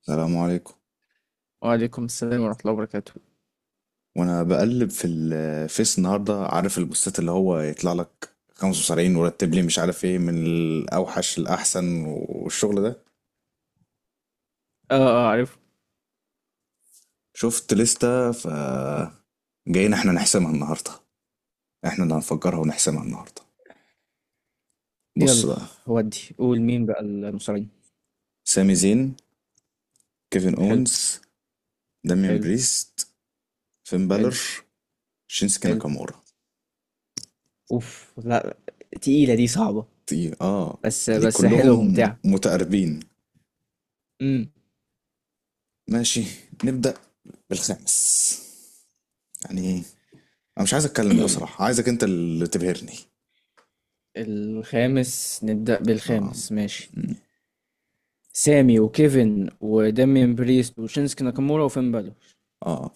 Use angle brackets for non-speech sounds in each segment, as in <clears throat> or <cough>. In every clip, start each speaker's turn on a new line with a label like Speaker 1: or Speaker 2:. Speaker 1: السلام عليكم.
Speaker 2: وعليكم السلام ورحمة الله وبركاته.
Speaker 1: وانا بقلب في الفيس النهارده، عارف البوستات اللي هو يطلع لك 75 ورتب لي، مش عارف ايه من الاوحش للاحسن والشغل ده.
Speaker 2: اه اه، عارف.
Speaker 1: شفت لستة، ف جايين احنا نحسمها النهارده. احنا اللي هنفجرها ونحسمها النهارده. بص
Speaker 2: يلا.
Speaker 1: بقى.
Speaker 2: ودي قول مين بقى المصريين.
Speaker 1: سامي زين، كيفن
Speaker 2: حلو.
Speaker 1: اونز، دامين
Speaker 2: حلو.
Speaker 1: بريست، فين
Speaker 2: حلو.
Speaker 1: بالر، شينسكي
Speaker 2: حلو.
Speaker 1: ناكامورا.
Speaker 2: اوف لا. تقيلة دي صعبة.
Speaker 1: اه.
Speaker 2: بس
Speaker 1: يعني
Speaker 2: بس حلوة
Speaker 1: كلهم
Speaker 2: وممتعة.
Speaker 1: متقاربين.
Speaker 2: امم.
Speaker 1: ماشي. نبدأ بالخامس. يعني انا مش عايز اتكلم بصراحة، عايزك انت اللي تبهرني.
Speaker 2: الخامس، نبدأ
Speaker 1: اه.
Speaker 2: بالخامس، ماشي.
Speaker 1: مم.
Speaker 2: سامي وكيفن ودامين بريست وشينسكي ناكامورا وفين بالور.
Speaker 1: اه،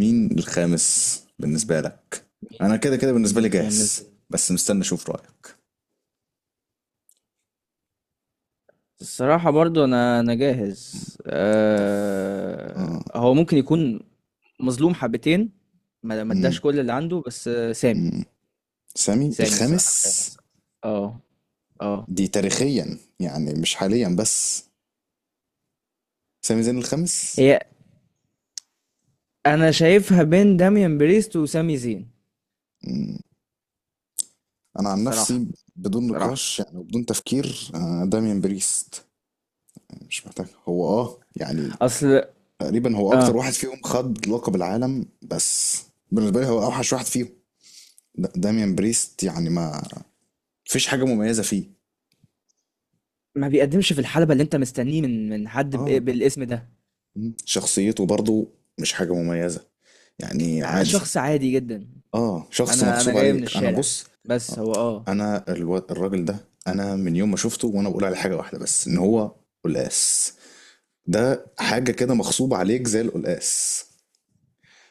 Speaker 1: مين الخامس بالنسبة
Speaker 2: مم.
Speaker 1: لك؟
Speaker 2: مين
Speaker 1: انا
Speaker 2: ال...
Speaker 1: كده كده
Speaker 2: مين
Speaker 1: بالنسبة لي
Speaker 2: الخامس
Speaker 1: جاهز،
Speaker 2: بال...
Speaker 1: بس مستني اشوف رأيك.
Speaker 2: الصراحة برضو أنا جاهز،
Speaker 1: اه.
Speaker 2: هو ممكن يكون مظلوم حبتين. ما اداش
Speaker 1: مم.
Speaker 2: كل اللي عنده، بس سامي.
Speaker 1: مم. سامي
Speaker 2: سامي الصراحة
Speaker 1: الخامس.
Speaker 2: الخامس. اه اه.
Speaker 1: دي تاريخيا يعني مش حاليا بس. سامي زين الخامس.
Speaker 2: هي. انا شايفها بين داميان بريست وسامي زين.
Speaker 1: مم. انا عن
Speaker 2: الصراحة.
Speaker 1: نفسي بدون
Speaker 2: الصراحة.
Speaker 1: نقاش يعني وبدون تفكير داميان بريست. مش محتاج هو يعني،
Speaker 2: اصل.
Speaker 1: تقريبا هو اكتر
Speaker 2: اه.
Speaker 1: واحد فيهم خد لقب العالم بس. بالنسبه لي هو اوحش واحد فيهم. داميان بريست يعني ما فيش حاجه مميزه فيه.
Speaker 2: ما بيقدمش في الحلبة اللي انت مستنيه من حد
Speaker 1: اه.
Speaker 2: بالاسم ده.
Speaker 1: مم. شخصيته برضو مش حاجه مميزه، يعني عادي.
Speaker 2: شخص عادي جدا.
Speaker 1: اه، شخص
Speaker 2: انا
Speaker 1: مغصوب
Speaker 2: جاي من
Speaker 1: عليك. انا
Speaker 2: الشارع،
Speaker 1: بص.
Speaker 2: بس
Speaker 1: آه،
Speaker 2: هو اه
Speaker 1: انا الراجل ده، انا من يوم ما شفته وانا بقول عليه حاجه واحده بس، ان هو قلقاس. ده حاجه كده مغصوب عليك زي القلقاس.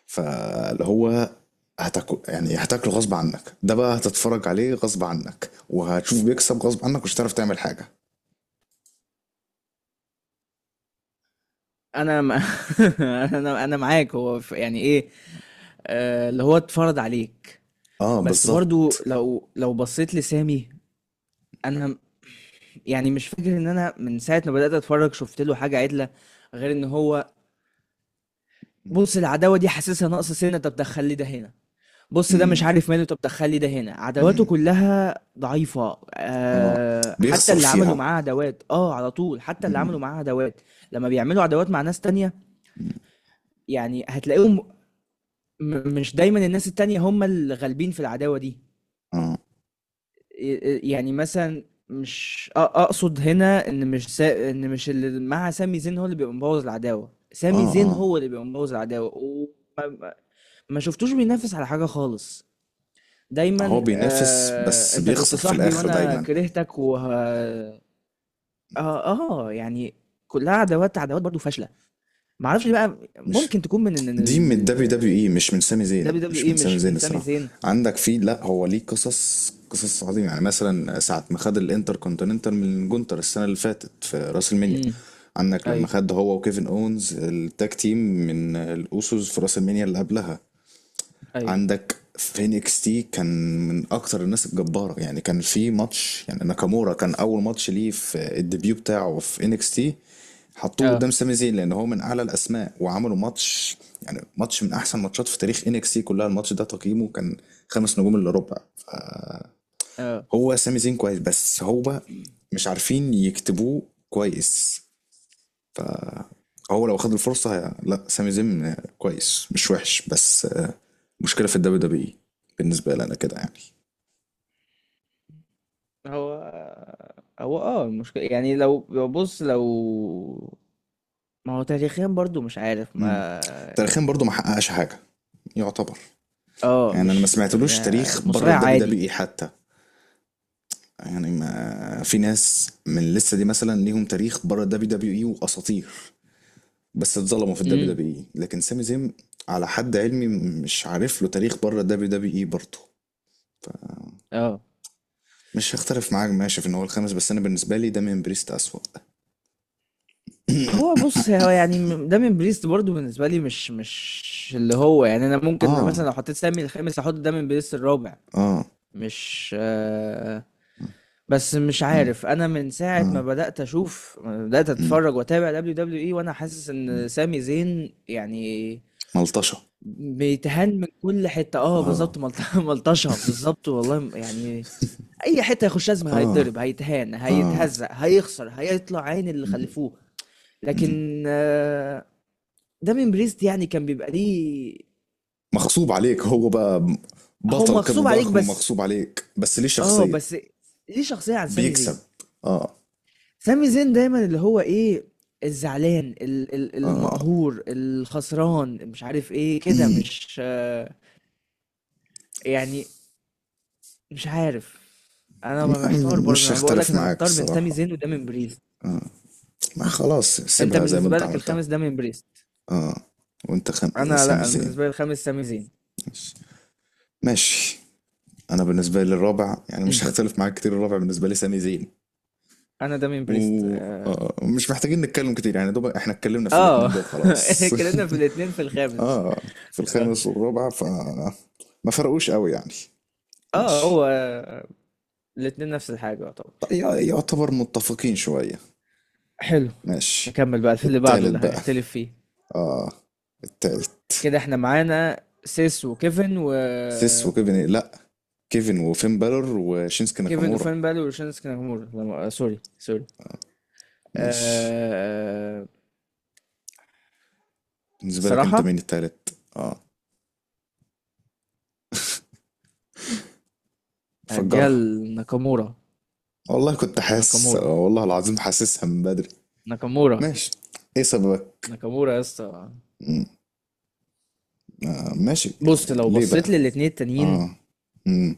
Speaker 1: فاللي هو هتاكل يعني هتاكله غصب عنك، ده بقى هتتفرج عليه غصب عنك، وهتشوف بيكسب غصب عنك، مش هتعرف تعمل حاجة.
Speaker 2: انا م... <laughs> انا معاك، هو يعني ايه. اللي هو اتفرض عليك.
Speaker 1: اه،
Speaker 2: بس
Speaker 1: بالظبط.
Speaker 2: برضو لو بصيت لسامي، أنا م- يعني مش فاكر إن أنا من ساعة ما بدأت أتفرّج شُفت له حاجة عِدلة، غير إن هو، بُص، العداوة دي حاسسها ناقصة سِنّة، طَب دخّل لي ده هنا، بُص ده مش
Speaker 1: امم.
Speaker 2: عارف ماله، طَب دخّل لي ده هنا، عداواته
Speaker 1: امم.
Speaker 2: كلّها ضعيفة.
Speaker 1: اه.
Speaker 2: حتى
Speaker 1: بيخسر
Speaker 2: اللي عملوا
Speaker 1: فيها.
Speaker 2: معاه عداوات، على طول، حتى اللي
Speaker 1: امم.
Speaker 2: عملوا معاه عداوات، لمّا بيعملوا عداوات مع ناس تانية يعني هتلاقيهم، مش دايمًا الناس التانية هم اللي غالبين في العداوة دي.
Speaker 1: اه.
Speaker 2: يعني مثلا، مش أ- اقصد هنا ان مش ان مش اللي مع سامي زين هو اللي بيبقى مبوظ العداوه، سامي
Speaker 1: اه.
Speaker 2: زين
Speaker 1: اه.
Speaker 2: هو اللي بيبقى مبوظ العداوه، وما ما شفتوش بينافس على حاجه خالص.
Speaker 1: هو
Speaker 2: دايما
Speaker 1: بينافس بس
Speaker 2: انت كنت
Speaker 1: بيخسر في
Speaker 2: صاحبي
Speaker 1: الآخر
Speaker 2: وانا
Speaker 1: دايما.
Speaker 2: كرهتك و اه يعني كلها عداوات عداوات برضو فاشله. ما اعرفش بقى،
Speaker 1: مش.
Speaker 2: ممكن تكون من ان
Speaker 1: دي من الدبليو
Speaker 2: ال
Speaker 1: دبليو اي مش من سامي زين،
Speaker 2: دبليو دبليو
Speaker 1: مش
Speaker 2: اي،
Speaker 1: من سامي
Speaker 2: مش من
Speaker 1: زين
Speaker 2: سامي
Speaker 1: الصراحه.
Speaker 2: زين.
Speaker 1: عندك في لا، هو ليه قصص قصص عظيمه، يعني مثلا ساعه ما خد الانتر كونتيننتال من جونتر السنه اللي فاتت في راس المنيا.
Speaker 2: امم.
Speaker 1: عندك لما
Speaker 2: ايوه
Speaker 1: خد هو وكيفن اونز التاج تيم من الاوسوس في راس المنيا اللي قبلها.
Speaker 2: ايوه.
Speaker 1: عندك في انكس تي كان من اكتر الناس الجباره، يعني كان في ماتش، يعني ناكامورا كان اول ماتش ليه في الديبيو بتاعه في انكس تي، حطوه
Speaker 2: اه
Speaker 1: قدام سامي زين لان هو من اعلى الاسماء وعملوا ماتش. يعني ماتش من احسن ماتشات في تاريخ انكس تي كلها، الماتش ده تقييمه كان 5 نجوم الا ربع.
Speaker 2: اه.
Speaker 1: فهو سامي زين كويس، بس هو مش عارفين يكتبوه كويس. هو لو خد الفرصة لا، سامي زين كويس، مش وحش، بس مشكلة في الدبليو دبليو اي. بالنسبة لي أنا كده يعني.
Speaker 2: هو هو المشكلة، يعني لو بص، لو ما هو تاريخيا برضو مش عارف ما.
Speaker 1: امم. تاريخيا برضو ما حققش حاجة، يعتبر.
Speaker 2: اه،
Speaker 1: يعني أنا ما
Speaker 2: مش
Speaker 1: سمعتلوش تاريخ بره
Speaker 2: مصارع
Speaker 1: الدبليو دبليو
Speaker 2: عادي.
Speaker 1: إي حتى. يعني ما في ناس من اللسة دي مثلا ليهم تاريخ بره الدبليو دبليو إي وأساطير، بس اتظلموا في الدبليو
Speaker 2: امم.
Speaker 1: دبليو إي، لكن سامي زين على حد علمي مش عارف له تاريخ بره الدبليو دبليو إي برضه.
Speaker 2: اه.
Speaker 1: مش هختلف معاك ماشي في ان هو الخامس، بس انا بالنسبه لي ده من بريست اسوأ.
Speaker 2: هو
Speaker 1: <clears throat>
Speaker 2: بص، هو يعني دامين بريست برضو بالنسبة لي مش، اللي هو يعني، انا
Speaker 1: <applause>
Speaker 2: ممكن
Speaker 1: اه.
Speaker 2: مثلا لو حطيت سامي الخامس احط دامين بريست الرابع.
Speaker 1: اه.
Speaker 2: مش. بس مش
Speaker 1: اه.
Speaker 2: عارف، انا من ساعة
Speaker 1: اه.
Speaker 2: ما بدأت
Speaker 1: مم.
Speaker 2: اتفرج واتابع دبليو دبليو اي وانا حاسس ان
Speaker 1: مم.
Speaker 2: سامي زين يعني
Speaker 1: ملطشة.
Speaker 2: بيتهان من كل حتة. اه
Speaker 1: اه.
Speaker 2: بالظبط. <laughs> ملطشة بالظبط، والله يعني اي حتة يخش لازم
Speaker 1: اه.
Speaker 2: هيتضرب، هيتهان،
Speaker 1: اه.
Speaker 2: هيتهزق، هيخسر، هيطلع عين اللي
Speaker 1: مم.
Speaker 2: خلفوه.
Speaker 1: مم.
Speaker 2: لكن دامين بريست يعني كان بيبقى ليه.
Speaker 1: مغصوب عليك هو بقى،
Speaker 2: هو
Speaker 1: بطل كده
Speaker 2: مغصوب عليك
Speaker 1: ضخم
Speaker 2: بس.
Speaker 1: ومغصوب عليك، بس ليه
Speaker 2: اه،
Speaker 1: شخصية.
Speaker 2: بس ليه شخصية عن سامي
Speaker 1: بيكسب.
Speaker 2: زين.
Speaker 1: اه.
Speaker 2: سامي زين دايما اللي هو ايه، الزعلان،
Speaker 1: اه.
Speaker 2: المقهور، الخسران، مش عارف ايه كده،
Speaker 1: مم.
Speaker 2: مش. يعني مش عارف، انا محتار برضه،
Speaker 1: مش
Speaker 2: انا بقول لك
Speaker 1: هختلف
Speaker 2: انا
Speaker 1: معاك
Speaker 2: محتار بين سامي
Speaker 1: الصراحة،
Speaker 2: زين ودامين بريست.
Speaker 1: ما خلاص
Speaker 2: انت
Speaker 1: سيبها زي ما
Speaker 2: بالنسبه
Speaker 1: انت
Speaker 2: لك
Speaker 1: عملتها.
Speaker 2: الخامس دامين بريست.
Speaker 1: اه. وانت
Speaker 2: انا
Speaker 1: سامي
Speaker 2: لا، انا
Speaker 1: زين.
Speaker 2: بالنسبه لي الخامس سامي زين.
Speaker 1: ماشي. ماشي. انا بالنسبة لي الرابع يعني
Speaker 2: أمم.
Speaker 1: مش هختلف معاك كتير، الرابع بالنسبة لي سامي زين.
Speaker 2: انا دامين بريست
Speaker 1: و...
Speaker 2: اه
Speaker 1: آه، ومش محتاجين نتكلم كتير، يعني دوب احنا اتكلمنا في الاتنين
Speaker 2: آه.
Speaker 1: دول
Speaker 2: <laughs>
Speaker 1: خلاص.
Speaker 2: اتكلمنا في الاثنين في
Speaker 1: <laughs>
Speaker 2: الخامس.
Speaker 1: اه، في
Speaker 2: اه.
Speaker 1: الخامس والرابع، ف ما فرقوش قوي يعني. ماشي.
Speaker 2: هو الاثنين نفس الحاجه يعتبر.
Speaker 1: طيب يعتبر متفقين شوية.
Speaker 2: حلو.
Speaker 1: ماشي.
Speaker 2: نكمل بقى في اللي بعده
Speaker 1: التالت
Speaker 2: اللي
Speaker 1: بقى.
Speaker 2: هنختلف فيه.
Speaker 1: اه. التالت.
Speaker 2: كده احنا معانا سيس وكيفن و
Speaker 1: سيس وكيفن لا، كيفن وفين بالور وشينسكي
Speaker 2: كيفن
Speaker 1: ناكامورا.
Speaker 2: وفين بالي وشينسكي ناكامورا. لا، سوري سوري.
Speaker 1: ماشي.
Speaker 2: أه...
Speaker 1: بالنسبة لك انت، مين
Speaker 2: صراحة
Speaker 1: التالت؟ اه.
Speaker 2: هديها
Speaker 1: فجرها.
Speaker 2: لناكامورا.
Speaker 1: والله كنت حاسس،
Speaker 2: ناكامورا.
Speaker 1: والله العظيم حاسسها من بدري.
Speaker 2: ناكامورا.
Speaker 1: ماشي. ايه سببك؟
Speaker 2: ناكامورا يا اسطى.
Speaker 1: ماشي،
Speaker 2: بص،
Speaker 1: يعني
Speaker 2: لو
Speaker 1: ليه بقى؟
Speaker 2: بصيت للاتنين التانيين
Speaker 1: اه. امم.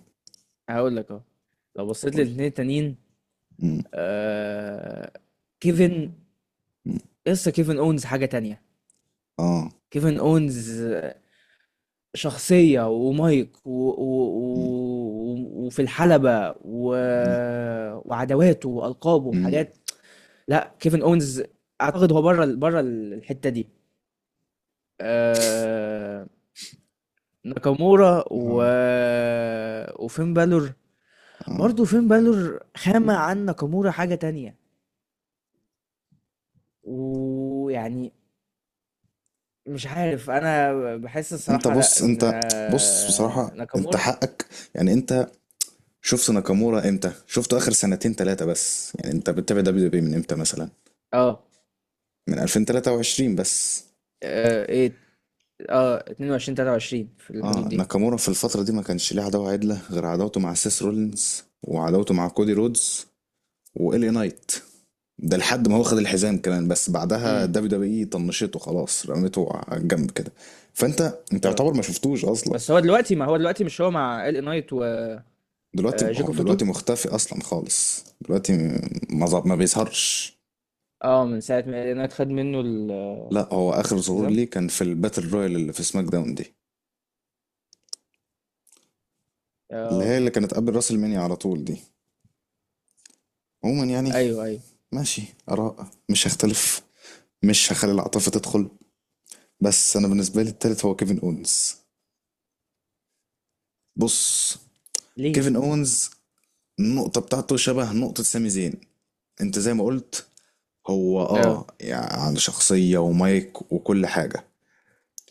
Speaker 2: هقول لك اهو. لو بصيت
Speaker 1: قول.
Speaker 2: للاتنين التانيين،
Speaker 1: امم.
Speaker 2: آه... كيفن،
Speaker 1: أمم.
Speaker 2: لسه كيفن اونز حاجة تانية.
Speaker 1: اه.
Speaker 2: كيفن اونز، شخصية ومايك
Speaker 1: امم.
Speaker 2: وفي الحلبة
Speaker 1: أمم.
Speaker 2: وعداواته وألقابه
Speaker 1: أمم.
Speaker 2: وحاجات. لا كيفن اونز اعتقد هو بره الحتة دي. آه، ناكامورا
Speaker 1: اه.
Speaker 2: وفين بالور.
Speaker 1: اه.
Speaker 2: برضه فين بالور خامة عن ناكامورا حاجة تانية. ويعني مش عارف انا، بحس
Speaker 1: انت
Speaker 2: الصراحة لا
Speaker 1: بص،
Speaker 2: ان
Speaker 1: انت. بص بصراحة انت
Speaker 2: ناكامورا.
Speaker 1: حقك. يعني انت شفت ناكامورا امتى؟ شفته اخر سنتين ثلاثة بس، يعني انت بتتابع دبليو دبليو من امتى مثلا؟
Speaker 2: اه.
Speaker 1: من 2023 بس.
Speaker 2: ايه. اه، 22 23 في الحدود
Speaker 1: اه،
Speaker 2: دي.
Speaker 1: ناكامورا في الفترة دي ما كانش ليه عداوة عدلة غير عداوته مع سيس رولينز وعداوته مع كودي رودز وإلي نايت. ده لحد ما هو خد الحزام كمان، بس بعدها
Speaker 2: امم.
Speaker 1: دبليو دبليو اي طنشته خلاص، رميته على الجنب كده. فانت
Speaker 2: اه،
Speaker 1: يعتبر ما شفتوش اصلا.
Speaker 2: بس هو دلوقتي، ما هو دلوقتي مش هو مع ال نايت وجاكوب
Speaker 1: دلوقتي هو
Speaker 2: فاتو.
Speaker 1: دلوقتي مختفي اصلا خالص دلوقتي. ما بيظهرش.
Speaker 2: اه، من ساعة ما ال نايت خد منه
Speaker 1: لا، هو اخر ظهور
Speaker 2: الحزام.
Speaker 1: ليه كان في الباتل رويال اللي في سماك داون دي، اللي
Speaker 2: اه.
Speaker 1: هي اللي كانت قبل راس المانيا على طول دي. عموما يعني.
Speaker 2: ايوه ايوه.
Speaker 1: ماشي. اراء مش هختلف، مش هخلي العاطفه تدخل. بس انا بالنسبه لي التالت هو كيفن اونز. بص،
Speaker 2: ليه.
Speaker 1: كيفن اونز النقطه بتاعته شبه نقطه سامي زين. انت زي ما قلت، هو
Speaker 2: اه.
Speaker 1: يعني عنده شخصية ومايك وكل حاجة،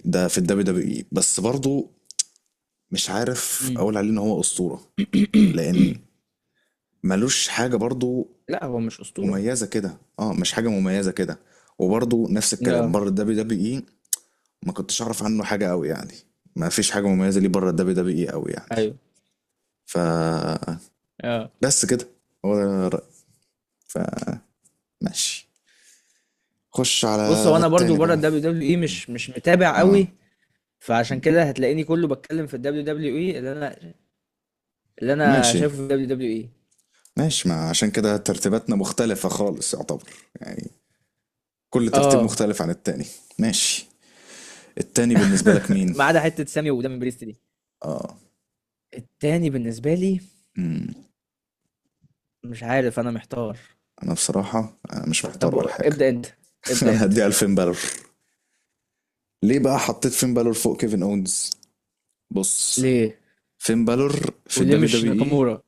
Speaker 1: ده في الدبليو دبليو اي. بس برضه مش عارف
Speaker 2: امم.
Speaker 1: اقول عليه ان هو اسطورة، لان
Speaker 2: <coughs>
Speaker 1: ملوش حاجة برضه
Speaker 2: لا هو مش اسطوره.
Speaker 1: مميزة كده، اه، مش حاجة مميزة كده. وبرضه نفس الكلام
Speaker 2: لا.
Speaker 1: بره الدبليو دبليو اي، ما كنتش اعرف عنه حاجة قوي يعني، ما فيش حاجة مميزة ليه بره الدبليو دبليو اي قوي يعني.
Speaker 2: ايوه.
Speaker 1: ف
Speaker 2: آه.
Speaker 1: بس كده، هو ده رأيي. ف ماشي. خش على
Speaker 2: بص هو، انا برضو
Speaker 1: التاني
Speaker 2: بره
Speaker 1: بقى.
Speaker 2: الدبليو دبليو اي مش، متابع
Speaker 1: اه.
Speaker 2: قوي. فعشان كده هتلاقيني كله بتكلم في الدبليو دبليو اي، اللي انا
Speaker 1: ماشي.
Speaker 2: شايفه في الدبليو دبليو اي.
Speaker 1: ماشي، ما عشان كده ترتيباتنا مختلفة خالص يعتبر، يعني كل ترتيب
Speaker 2: اه.
Speaker 1: مختلف عن التاني. ماشي. التاني بالنسبة لك مين؟
Speaker 2: <laughs> ما عدا حته سامي ودامي بريست دي.
Speaker 1: اه.
Speaker 2: التاني بالنسبه لي
Speaker 1: مم.
Speaker 2: مش عارف، انا محتار.
Speaker 1: انا بصراحة انا مش محتار
Speaker 2: طب.
Speaker 1: ولا حاجة.
Speaker 2: ابدا انت.
Speaker 1: <laughs>
Speaker 2: ابدا
Speaker 1: انا
Speaker 2: انت.
Speaker 1: هديها لفين بالور. ليه بقى حطيت فين بالور فوق كيفن اونز؟ بص،
Speaker 2: ليه.
Speaker 1: فين بالور في
Speaker 2: وليه
Speaker 1: الدبليو
Speaker 2: مش
Speaker 1: دبليو اي،
Speaker 2: ناكامورا.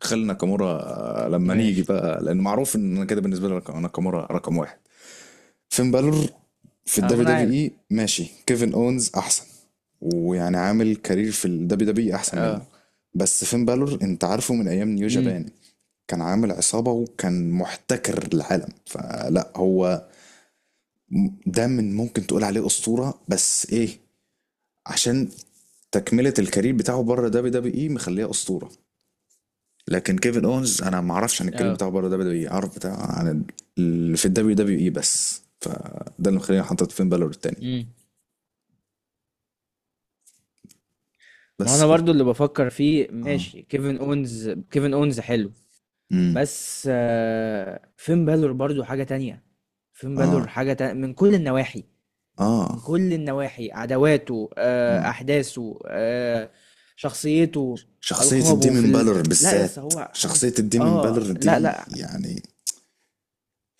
Speaker 1: خلي ناكامورا لما نيجي
Speaker 2: ماشي.
Speaker 1: بقى، لان معروف ان أنا كده بالنسبة لي ناكامورا رقم واحد. فين بالور في
Speaker 2: اه، ما
Speaker 1: الدبليو
Speaker 2: انا
Speaker 1: دبليو
Speaker 2: عارف.
Speaker 1: اي ماشي، كيفن اونز احسن، ويعني عامل كارير في الدبليو دبليو اي احسن منه.
Speaker 2: اه.
Speaker 1: بس فين بالور انت عارفه من ايام نيو
Speaker 2: امم.
Speaker 1: جابان، كان عامل عصابة وكان محتكر العالم. فلا هو ده، من ممكن تقول عليه أسطورة، بس ايه؟ عشان تكملة الكارير بتاعه بره دبليو دبليو اي مخليه أسطورة. لكن كيفن اونز انا ما اعرفش عن الكارير
Speaker 2: اه.
Speaker 1: بتاعه بره دبليو دبليو اي، اعرف بتاع عن اللي في الدبليو دبليو اي بس. فده اللي مخليني حاطط فين بالور التاني.
Speaker 2: امم. ما
Speaker 1: بس
Speaker 2: انا
Speaker 1: كده.
Speaker 2: برضو اللي بفكر فيه،
Speaker 1: اه.
Speaker 2: ماشي، كيفن اونز، كيفن اونز حلو.
Speaker 1: امم.
Speaker 2: بس فين بالور برضو حاجة تانية. فين بالور
Speaker 1: اه.
Speaker 2: حاجة تانية من كل النواحي.
Speaker 1: اه.
Speaker 2: من كل النواحي، عداواته،
Speaker 1: اه.
Speaker 2: أحداثه، شخصيته،
Speaker 1: شخصية
Speaker 2: ألقابه في
Speaker 1: الديمن
Speaker 2: ال...
Speaker 1: بالور
Speaker 2: لا يا اسطى
Speaker 1: بالذات،
Speaker 2: هو حاجة.
Speaker 1: شخصية الديمن
Speaker 2: اه.
Speaker 1: بالور
Speaker 2: لا
Speaker 1: دي
Speaker 2: لا.
Speaker 1: يعني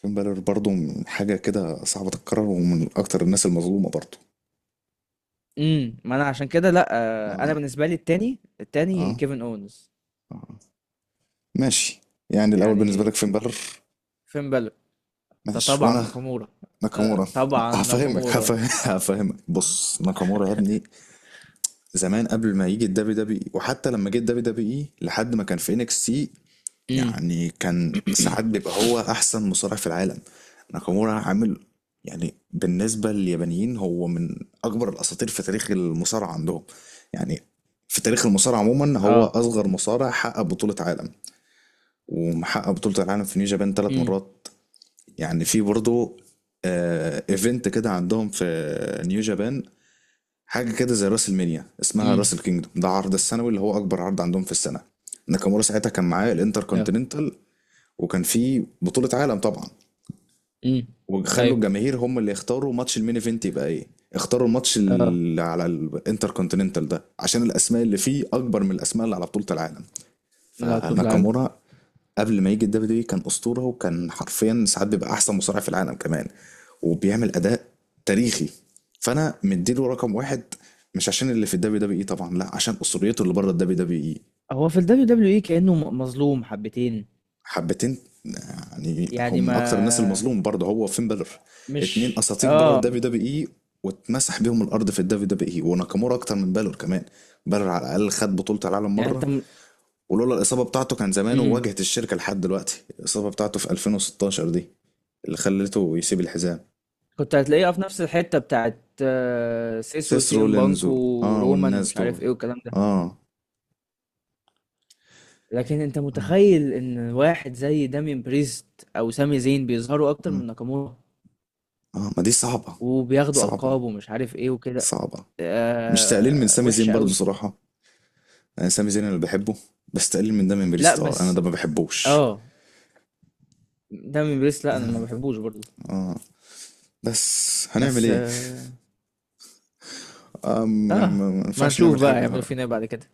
Speaker 1: ديمن بالور برضو من حاجة كده صعبة تتكرر، ومن أكتر الناس المظلومة برضو.
Speaker 2: امم. ما انا عشان كده لا.
Speaker 1: اه.
Speaker 2: انا بالنسبة لي التاني، التاني
Speaker 1: اه.
Speaker 2: كيفن اونز.
Speaker 1: اه. ماشي. يعني الأول بالنسبة
Speaker 2: يعني
Speaker 1: لك فين بالور؟
Speaker 2: فين بالور. ده
Speaker 1: ماشي،
Speaker 2: طبعا
Speaker 1: وأنا
Speaker 2: ناكامورا. ده
Speaker 1: ناكامورا.
Speaker 2: طبعا
Speaker 1: هفهمك
Speaker 2: ناكامورا.
Speaker 1: <laughs> هفهمك. بص، ناكامورا يا ابني، زمان قبل ما يجي الدبليو دبليو اي وحتى لما جه الدبليو دبليو اي لحد ما كان في انكس تي،
Speaker 2: امم.
Speaker 1: يعني كان
Speaker 2: <clears throat>
Speaker 1: ساعات بيبقى هو احسن مصارع في العالم. ناكامورا عامل، يعني بالنسبة لليابانيين هو من اكبر الاساطير في تاريخ المصارعة عندهم، يعني في تاريخ المصارعة عموما هو
Speaker 2: اه.
Speaker 1: اصغر مصارع حقق بطولة عالم، ومحقق بطولة العالم في نيو جابان ثلاث
Speaker 2: امم.
Speaker 1: مرات يعني في برضه ايفنت كده عندهم في نيو جابان، حاجة كده زي راس المنيا اسمها راس
Speaker 2: امم.
Speaker 1: الكينجدوم، ده عرض السنوي اللي هو اكبر عرض عندهم في السنة. ناكامورا ساعتها كان معاه
Speaker 2: اه.
Speaker 1: الانتر، وكان في بطولة عالم طبعا،
Speaker 2: امم.
Speaker 1: وخلوا
Speaker 2: ايوه.
Speaker 1: الجماهير هم اللي يختاروا ماتش المين ايفنت يبقى ايه. اختاروا الماتش
Speaker 2: آه.
Speaker 1: اللي على الانتر كونتيننتال ده، عشان الاسماء اللي فيه اكبر من الاسماء اللي على بطولة العالم.
Speaker 2: لا تطلع لا.
Speaker 1: فناكامورا قبل ما يجي الدبليو دي كان اسطورة، وكان حرفيا ساعات بيبقى احسن مصارع في العالم كمان، وبيعمل اداء تاريخي. فانا مديله رقم واحد، مش عشان اللي في الدبليو دبليو اي طبعا، لا، عشان اسطوريته اللي بره الدبليو دبليو اي.
Speaker 2: هو في ال WWE اي كأنه مظلوم حبتين.
Speaker 1: حبتين. يعني هو
Speaker 2: يعني
Speaker 1: من اكتر الناس
Speaker 2: ما،
Speaker 1: المظلوم برضه، هو وفين بالر، اتنين
Speaker 2: مش
Speaker 1: اساطير بره الدبليو دبليو اي، واتمسح بيهم الارض في الدبليو دبليو اي، وناكامورا اكتر من بالر كمان. بالر على الاقل خد بطوله العالم
Speaker 2: يعني، انت
Speaker 1: مره. ولولا الاصابه بتاعته كان زمانه
Speaker 2: مم.
Speaker 1: واجهت الشركه لحد دلوقتي. الاصابه بتاعته في 2016 دي اللي خلته يسيب الحزام.
Speaker 2: كنت هتلاقيها في نفس الحتة بتاعت سيس
Speaker 1: سيس
Speaker 2: وسي ام
Speaker 1: رولينز
Speaker 2: بانك
Speaker 1: اه،
Speaker 2: ورومان
Speaker 1: والناس
Speaker 2: ومش
Speaker 1: دول.
Speaker 2: عارف ايه والكلام ده.
Speaker 1: اه.
Speaker 2: لكن انت
Speaker 1: اه.
Speaker 2: متخيل ان واحد زي دامين بريست او سامي زين بيظهروا اكتر
Speaker 1: اه.
Speaker 2: من ناكامورا
Speaker 1: آه. ما دي صعبه،
Speaker 2: وبياخدوا
Speaker 1: صعبه،
Speaker 2: القاب ومش عارف ايه وكده.
Speaker 1: صعبه. مش تقليل من
Speaker 2: آه،
Speaker 1: سامي زين
Speaker 2: وحشة
Speaker 1: برضه
Speaker 2: قوي.
Speaker 1: صراحه، انا سامي زين اللي بحبه، بس تقليل من ده من
Speaker 2: لا
Speaker 1: بريست، اه، انا
Speaker 2: بس.
Speaker 1: ده ما بحبوش.
Speaker 2: اه. دامين بريست لا، انا ما بحبوش برضو.
Speaker 1: اه، بس هنعمل
Speaker 2: بس
Speaker 1: ايه؟
Speaker 2: آه،
Speaker 1: يعني
Speaker 2: اه.
Speaker 1: ما
Speaker 2: ما
Speaker 1: ينفعش
Speaker 2: نشوف
Speaker 1: نعمل
Speaker 2: بقى
Speaker 1: حاجة
Speaker 2: يعملوا
Speaker 1: آه.
Speaker 2: فينا ايه بعد كده.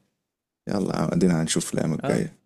Speaker 1: يلا ادينا هنشوف الايام
Speaker 2: اه.
Speaker 1: الجاية.